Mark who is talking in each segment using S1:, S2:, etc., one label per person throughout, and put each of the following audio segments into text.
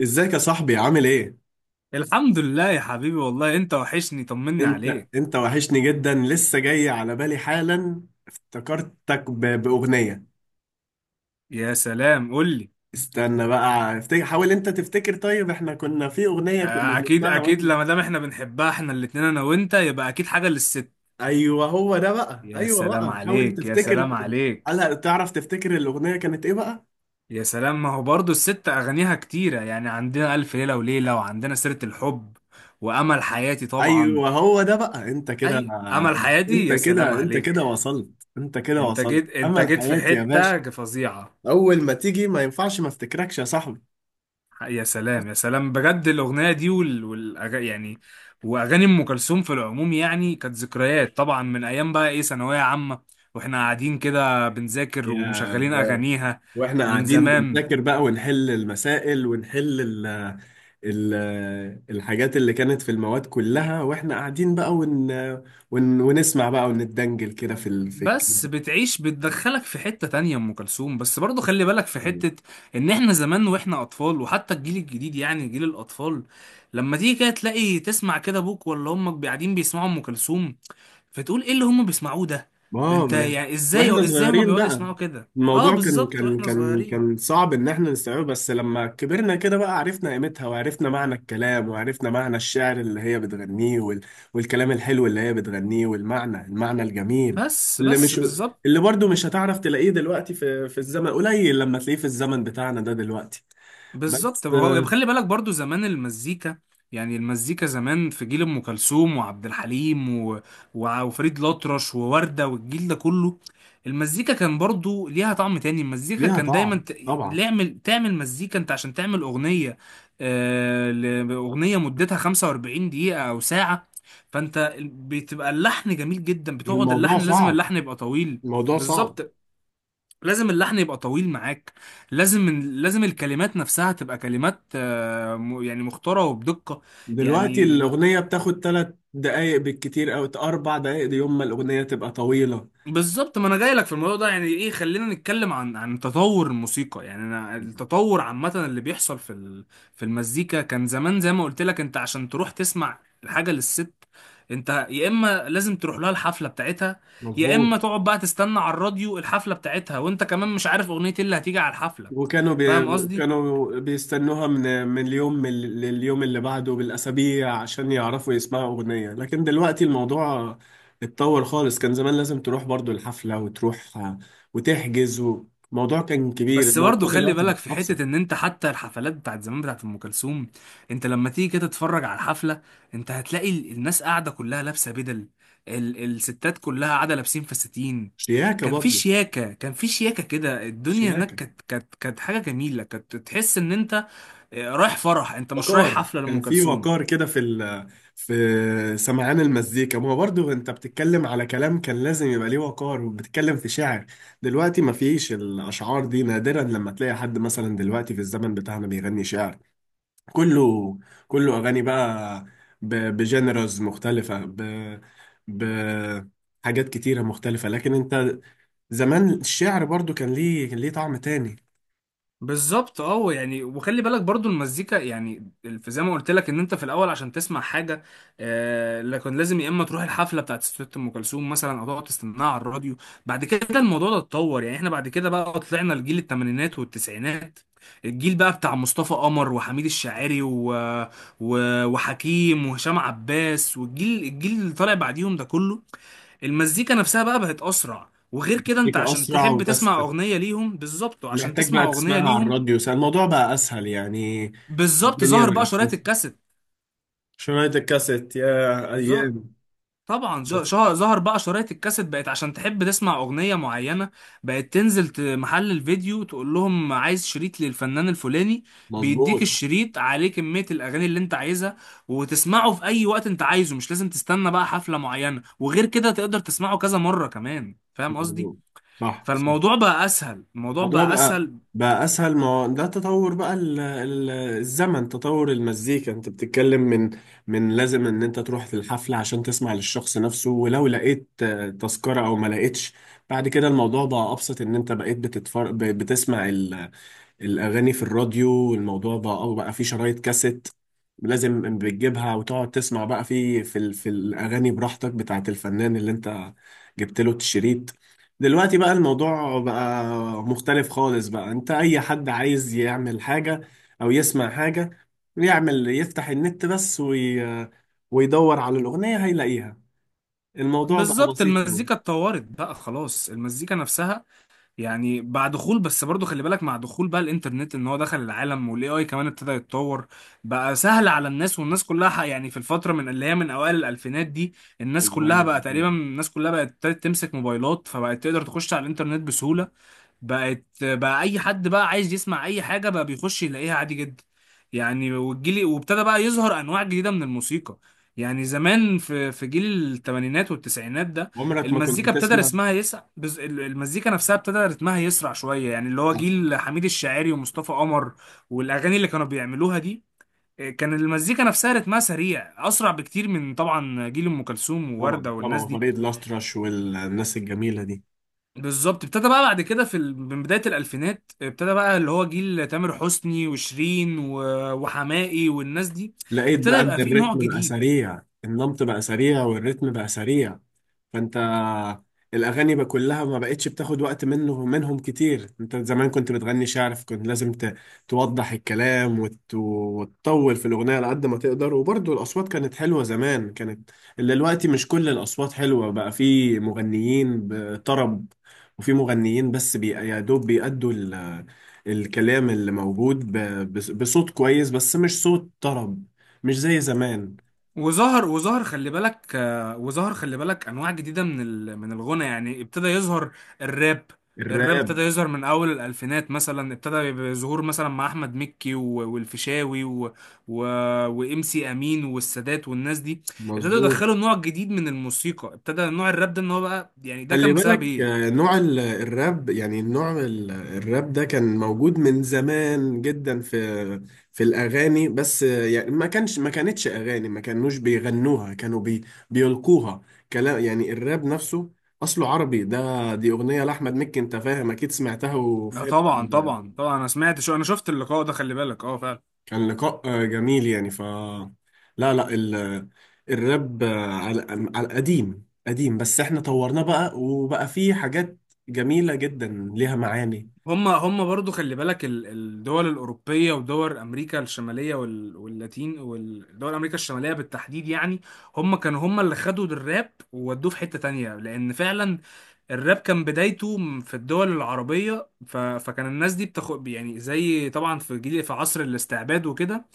S1: ازيك يا صاحبي؟ عامل ايه؟
S2: الحمد لله يا حبيبي، والله انت وحشني، طمني
S1: انت
S2: عليك.
S1: انت وحشني جدا، لسه جاي على بالي حالا. افتكرتك باغنيه.
S2: يا سلام، قول لي.
S1: استنى بقى افتكر، حاول انت تفتكر. طيب احنا كنا في اغنيه كنا
S2: اكيد
S1: بنسمعها
S2: اكيد
S1: واحنا.
S2: لما دام احنا بنحبها احنا الاتنين انا وانت، يبقى اكيد حاجة للست.
S1: ايوه هو ده بقى،
S2: يا
S1: ايوه
S2: سلام
S1: بقى، حاول
S2: عليك، يا
S1: تفتكر.
S2: سلام عليك.
S1: هل تعرف تفتكر الاغنيه كانت ايه بقى؟
S2: يا سلام، ما هو برضو الست اغانيها كتيرة، يعني عندنا الف ليلة وليلة، وعندنا سيرة الحب، وامل حياتي طبعا.
S1: ايوه هو ده بقى.
S2: اي، امل حياتي، يا سلام
S1: انت كده
S2: عليك.
S1: وصلت. انت كده
S2: انت
S1: وصلت،
S2: جيت انت
S1: امل
S2: جيت في
S1: حياتي يا باشا.
S2: حتة فظيعة.
S1: اول ما تيجي ما ينفعش ما افتكركش يا صاحبي.
S2: يا سلام يا سلام، بجد الأغنية دي يعني، وأغاني أم كلثوم في العموم يعني، كانت ذكريات طبعا من أيام بقى إيه، ثانوية عامة، وإحنا قاعدين كده بنذاكر
S1: يا
S2: ومشغلين
S1: يا
S2: أغانيها
S1: واحنا
S2: من
S1: قاعدين
S2: زمان.
S1: بنذاكر بقى ونحل المسائل، ونحل ال ال الحاجات اللي كانت في المواد كلها، واحنا قاعدين بقى ون ون ونسمع بقى ونتدنجل كده في
S2: بس
S1: الكلام.
S2: بتعيش، بتدخلك في حتة تانية أم كلثوم. بس برضو خلي بالك في حتة، إن إحنا زمان وإحنا أطفال، وحتى الجيل الجديد يعني جيل الأطفال، لما تيجي كده تلاقي تسمع كده أبوك ولا أمك قاعدين بيسمعوا أم كلثوم، فتقول ايه اللي هم بيسمعوه ده؟
S1: اه
S2: انت
S1: ما
S2: يعني
S1: واحنا
S2: ازاي هم
S1: صغيرين
S2: بيقعدوا
S1: بقى،
S2: يسمعوا كده؟ اه
S1: الموضوع كان
S2: بالظبط،
S1: كان
S2: واحنا
S1: كان
S2: صغيرين.
S1: كان صعب ان احنا نستوعبه، بس لما كبرنا كده بقى عرفنا قيمتها، وعرفنا معنى الكلام، وعرفنا معنى الشعر اللي هي بتغنيه، والكلام الحلو اللي هي بتغنيه، والمعنى الجميل
S2: بس
S1: اللي
S2: بس
S1: مش
S2: بالظبط.
S1: اللي برضو مش هتعرف تلاقيه دلوقتي، في الزمن قليل لما تلاقيه في الزمن بتاعنا ده دلوقتي.
S2: بالظبط،
S1: بس
S2: ما هو
S1: آه،
S2: خلي بالك برضو زمان المزيكا، يعني المزيكا زمان في جيل ام كلثوم وعبد الحليم وفريد الأطرش ووردة والجيل ده كله، المزيكا كان برضو ليها طعم تاني. المزيكا
S1: ليها
S2: كان دايما
S1: طعم طبعا.
S2: تعمل مزيكا انت عشان تعمل اغنية، اغنية مدتها 45 دقيقة او ساعة، فانت بتبقى اللحن جميل جدا، بتقعد
S1: الموضوع
S2: اللحن، لازم
S1: صعب،
S2: اللحن يبقى طويل.
S1: الموضوع صعب.
S2: بالظبط، لازم اللحن يبقى طويل معاك. لازم الكلمات نفسها تبقى كلمات يعني مختارة وبدقة.
S1: دلوقتي
S2: يعني ب-
S1: الأغنية بتاخد تلات دقايق بالكتير، أو أربع دقايق. دي يوم ما الأغنية تبقى طويلة.
S2: بالظبط، ما انا جاي لك في الموضوع ده. يعني ايه، خلينا نتكلم عن تطور الموسيقى، يعني انا التطور عامة اللي بيحصل في في المزيكا، كان زمان زي ما قلت لك انت عشان تروح تسمع الحاجة للست، انت يا اما لازم تروح لها الحفلة بتاعتها، يا اما
S1: مظبوط.
S2: تقعد بقى تستنى على الراديو الحفلة بتاعتها، وانت كمان مش عارف اغنية ايه اللي هتيجي على الحفلة. فاهم قصدي.
S1: كانوا بيستنوها من اليوم لليوم اللي بعده بالأسابيع عشان يعرفوا يسمعوا أغنية، لكن دلوقتي الموضوع اتطور خالص. كان زمان لازم تروح برضو الحفلة، وتروح وتحجز و... الموضوع كان كبير،
S2: بس برضه
S1: الموضوع
S2: خلي
S1: دلوقتي بقى
S2: بالك في
S1: أبسط.
S2: حتة، ان انت حتى الحفلات بتاعت زمان بتاعت ام كلثوم، انت لما تيجي كده تتفرج على الحفلة، انت هتلاقي الناس قاعدة كلها لابسة بدل، الستات كلها قاعدة لابسين فساتين.
S1: شياكة
S2: كان في
S1: برضو.
S2: شياكة، كان في شياكة كده. الدنيا هناك
S1: شياكة.
S2: كانت حاجة جميلة، كانت تحس ان انت رايح فرح، انت مش رايح
S1: وقار،
S2: حفلة لأم
S1: كان في
S2: كلثوم.
S1: وقار كده في ال... في سمعان المزيكا. ما هو برضو انت بتتكلم على كلام كان لازم يبقى ليه وقار، وبتتكلم في شعر. دلوقتي ما فيش الاشعار دي، نادرا لما تلاقي حد مثلا دلوقتي في الزمن بتاعنا بيغني شعر. كله، اغاني بقى، بجنرز مختلفة، ب... حاجات كتيرة مختلفة. لكن انت زمان الشعر برضو كان ليه، طعم تاني.
S2: بالظبط اه، يعني وخلي بالك برضو المزيكا يعني، في زي ما قلت لك ان انت في الاول عشان تسمع حاجه، آه لكن لازم يا اما تروح الحفله بتاعت ست ام كلثوم مثلا او تقعد تستناها على الراديو. بعد كده الموضوع ده اتطور، يعني احنا بعد كده بقى طلعنا لجيل الثمانينات والتسعينات، الجيل بقى بتاع مصطفى قمر وحميد الشاعري وحكيم وهشام عباس، والجيل اللي طالع بعديهم ده كله، المزيكا نفسها بقى بقت اسرع. وغير كده انت
S1: المزيكا
S2: عشان
S1: أسرع
S2: تحب
S1: وبس،
S2: تسمع اغنيه ليهم بالظبط، وعشان
S1: محتاج
S2: تسمع
S1: بقى
S2: اغنيه
S1: تسمعها على
S2: ليهم
S1: الراديو، الموضوع بقى اسهل يعني.
S2: بالظبط،
S1: الدنيا
S2: ظهر بقى
S1: بقت
S2: شرايط
S1: اسهل.
S2: الكاسيت.
S1: شرايط الكاسيت، يا
S2: ظهر
S1: ايام.
S2: طبعا
S1: بس
S2: ظهر بقى شرايط الكاسيت، بقت عشان تحب تسمع اغنيه معينه بقت تنزل محل الفيديو، تقول لهم عايز شريط للفنان الفلاني، بيديك
S1: مظبوط.
S2: الشريط عليه كميه الاغاني اللي انت عايزها، وتسمعه في اي وقت انت عايزه، مش لازم تستنى بقى حفله معينه، وغير كده تقدر تسمعه كذا مره كمان. فاهم قصدي.
S1: مظبوط. صح، صح.
S2: فالموضوع بقى اسهل، الموضوع
S1: الموضوع
S2: بقى
S1: بقى
S2: اسهل.
S1: بقى اسهل. ما هو ده تطور بقى، ال ال الزمن تطور المزيكا، انت بتتكلم من، لازم ان انت تروح في الحفلة عشان تسمع للشخص نفسه، ولو لقيت تذكرة او ما لقيتش. بعد كده الموضوع بقى ابسط، ان انت بقيت بتسمع الأغاني في الراديو. الموضوع بقى، أو بقى في شرايط كاسيت لازم بتجيبها وتقعد تسمع بقى في الأغاني براحتك، بتاعة الفنان اللي أنت جبت له الشريط. دلوقتي بقى الموضوع بقى مختلف خالص بقى. أنت أي حد عايز يعمل حاجة أو يسمع حاجة، يعمل يفتح النت بس ويدور على الأغنية هيلاقيها. الموضوع بقى
S2: بالظبط،
S1: بسيط أوي.
S2: المزيكا اتطورت بقى خلاص، المزيكا نفسها يعني، مع دخول، بس برضو خلي بالك، مع دخول بقى الانترنت، ان هو دخل العالم والاي اي كمان ابتدى يتطور، بقى سهل على الناس، والناس كلها حق، يعني في الفتره من اللي هي من اوائل الالفينات دي، الناس كلها
S1: الأوالي.
S2: بقى تقريبا، الناس كلها بقت ابتدت تمسك موبايلات، فبقت تقدر تخش على الانترنت بسهوله، بقت بقى اي حد بقى عايز يسمع اي حاجه بقى بيخش يلاقيها عادي جدا. يعني والجيل، وابتدى بقى يظهر انواع جديده من الموسيقى، يعني زمان في جيل الثمانينات والتسعينات ده،
S1: عمرك ما كنت
S2: المزيكا ابتدى
S1: تسمع.
S2: رسمها يسع المزيكا نفسها ابتدى رتمها يسرع شويه، يعني اللي هو جيل حميد الشاعري ومصطفى قمر، والاغاني اللي كانوا بيعملوها دي، كان المزيكا نفسها رتمها سريع، اسرع بكتير من طبعا جيل ام كلثوم
S1: طبعا،
S2: ووردة والناس
S1: طبعا،
S2: دي.
S1: فريد الأطرش والناس الجميلة دي.
S2: بالظبط، ابتدى بقى بعد كده من بداية الألفينات، ابتدى بقى اللي هو جيل تامر حسني وشيرين وحماقي والناس دي،
S1: لقيت
S2: ابتدى
S1: بقى إن
S2: يبقى فيه نوع
S1: الريتم بقى
S2: جديد.
S1: سريع، النمط بقى سريع، والريتم بقى سريع، فانت الاغاني بقى كلها ما بقتش بتاخد وقت منهم كتير. انت زمان كنت بتغني شعر، فكنت لازم توضح الكلام وتطول في الاغنيه على قد ما تقدر، وبرضه الاصوات كانت حلوه زمان، كانت اللي دلوقتي مش كل الاصوات حلوه بقى. في مغنيين بطرب، وفي مغنيين بس يا دوب بيأدوا الكلام اللي موجود بصوت كويس، بس مش صوت طرب، مش زي زمان.
S2: وظهر خلي بالك، وظهر خلي بالك أنواع جديدة من من الغنى، يعني ابتدى يظهر الراب. الراب
S1: الراب.
S2: ابتدى يظهر من أول الألفينات مثلا، ابتدى يبقى ظهور مثلا مع أحمد مكي والفيشاوي و... وإم سي أمين والسادات والناس دي، ابتدوا
S1: مظبوط.
S2: يدخلوا نوع جديد من الموسيقى. ابتدى نوع الراب ده ان هو بقى، يعني ده
S1: خلي
S2: كان بسبب
S1: بالك،
S2: ايه؟
S1: نوع الراب، يعني نوع الراب ده كان موجود من زمان جدا في الأغاني، بس يعني ما كانش، ما كانتش أغاني، ما كانوش بيغنوها، كانوا بيلقوها كلام. يعني الراب نفسه أصله عربي، ده دي أغنية لأحمد مكي، أنت فاهم، أكيد سمعتها
S2: لا
S1: وفهمت.
S2: طبعا طبعا طبعا، انا سمعت، انا شفت اللقاء ده، خلي بالك اه فعلا.
S1: كان لقاء جميل يعني ف... لا، لا، ال... الراب على، على قديم قديم، بس احنا طورناه بقى، وبقى فيه حاجات جميلة جدا ليها معاني.
S2: هم برضو خلي بالك، الدول الاوروبيه ودول امريكا الشماليه واللاتين، والدول امريكا الشماليه بالتحديد يعني، هم كانوا هم اللي خدوا الراب وودوه في حته تانية، لان فعلا الراب كان بدايته في الدول العربيه، فكان الناس دي بتاخد، يعني زي طبعا في جيل في عصر الاستعباد وكده،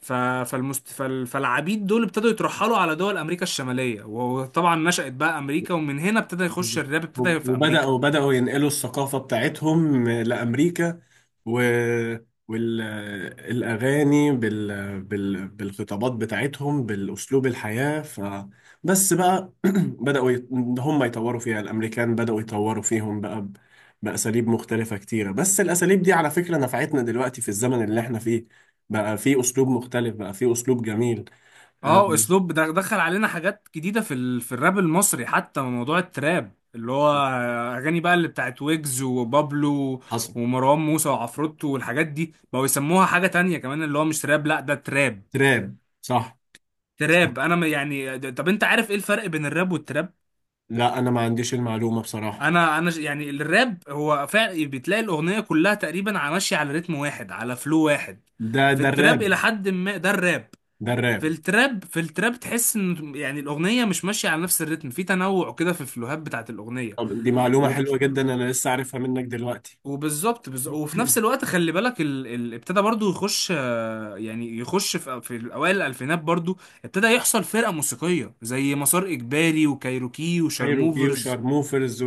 S2: ف- فالعبيد دول ابتدوا يترحلوا على دول امريكا الشماليه، وطبعا نشأت بقى امريكا، ومن هنا ابتدى يخش الراب، ابتدى في امريكا.
S1: بدأوا ينقلوا الثقافة بتاعتهم لأمريكا، و... والأغاني بالخطابات بتاعتهم بالأسلوب الحياة ف... بس بقى بدأوا يت... هم يطوروا فيها. الأمريكان بدأوا يطوروا فيهم بقى بأساليب مختلفة كتيرة، بس الأساليب دي على فكرة نفعتنا دلوقتي في الزمن اللي احنا فيه، بقى في أسلوب مختلف، بقى في أسلوب جميل.
S2: اه
S1: أم،
S2: اسلوب ده دخل علينا حاجات جديده في في الراب المصري، حتى موضوع التراب، اللي هو اغاني بقى اللي بتاعت ويجز وبابلو
S1: حصل.
S2: ومروان موسى وعفروتو والحاجات دي، بقوا يسموها حاجه تانية كمان، اللي هو مش راب، لا ده تراب.
S1: تراب، صح.
S2: تراب، انا ما- يعني، طب انت عارف ايه الفرق بين الراب والتراب؟
S1: لا انا ما عنديش المعلومة بصراحة.
S2: يعني الراب هو فعلا بتلاقي الاغنيه كلها تقريبا على ماشيه على رتم واحد، على فلو واحد،
S1: ده
S2: في
S1: ده الراب.
S2: التراب الى حد ما، ده الراب.
S1: ده
S2: في
S1: الراب.
S2: التراب، في التراب تحس ان يعني الاغنيه مش ماشيه على نفس الريتم، في تنوع كده في الفلوهات بتاعت الاغنيه.
S1: طب دي معلومة
S2: وبت...
S1: حلوة جدا، انا لسه عارفها منك دلوقتي.
S2: وفي نفس الوقت خلي بالك، ابتدى برضو يخش، يعني يخش في اوائل الالفينات برضو، ابتدى يحصل فرقه موسيقيه زي مسار اجباري وكايروكي
S1: كايروكي
S2: وشارموفرز.
S1: وشارموفرز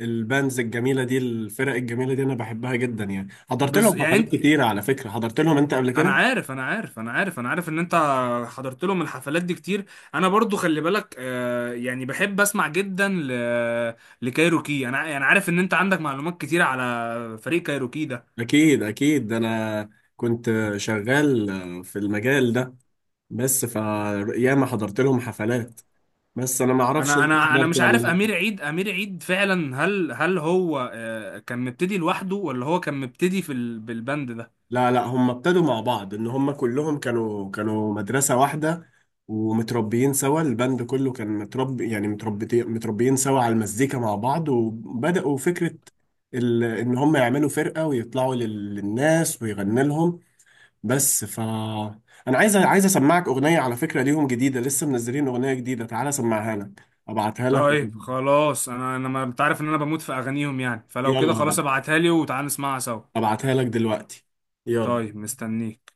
S1: والبانز الجميلة دي، الفرق الجميلة دي انا بحبها جدا. يعني حضرت لهم حفلات
S2: يعني
S1: كتيرة على فكرة، حضرت لهم انت قبل
S2: انا
S1: كده؟
S2: عارف انا عارف انا عارف انا عارف ان انت حضرت لهم الحفلات دي كتير. انا برضو خلي بالك يعني بحب اسمع جدا لكايروكي، انا يعني عارف ان انت عندك معلومات كتير على فريق كايروكي ده.
S1: اكيد، اكيد، ده انا كنت شغال في المجال ده، بس ف... ياما حضرت لهم حفلات، بس انا ما اعرفش
S2: انا
S1: انت
S2: انا انا
S1: حضرت
S2: مش عارف
S1: ولا.
S2: امير عيد، امير عيد فعلا، هل هو كان مبتدي لوحده، ولا هو كان مبتدي في بالبند ده؟
S1: لا، لا، هم ابتدوا مع بعض، ان هم كلهم كانوا مدرسة واحدة، ومتربيين سوا. البند كله كان متربي، يعني متربيين، سوا على المزيكا مع بعض، وبدأوا فكرة ال... ان هم يعملوا فرقة ويطلعوا للناس ويغني لهم. بس ف... انا عايز اسمعك اغنية على فكرة ليهم جديدة، لسه منزلين اغنية جديدة، تعالى اسمعها لك، ابعتها لك.
S2: طيب خلاص، انا ما انت عارف ان انا بموت في اغانيهم، يعني فلو كده
S1: يلا
S2: خلاص
S1: بقى،
S2: ابعتها لي وتعال نسمعها سوا.
S1: ابعتها لك دلوقتي، يلا.
S2: طيب مستنيك.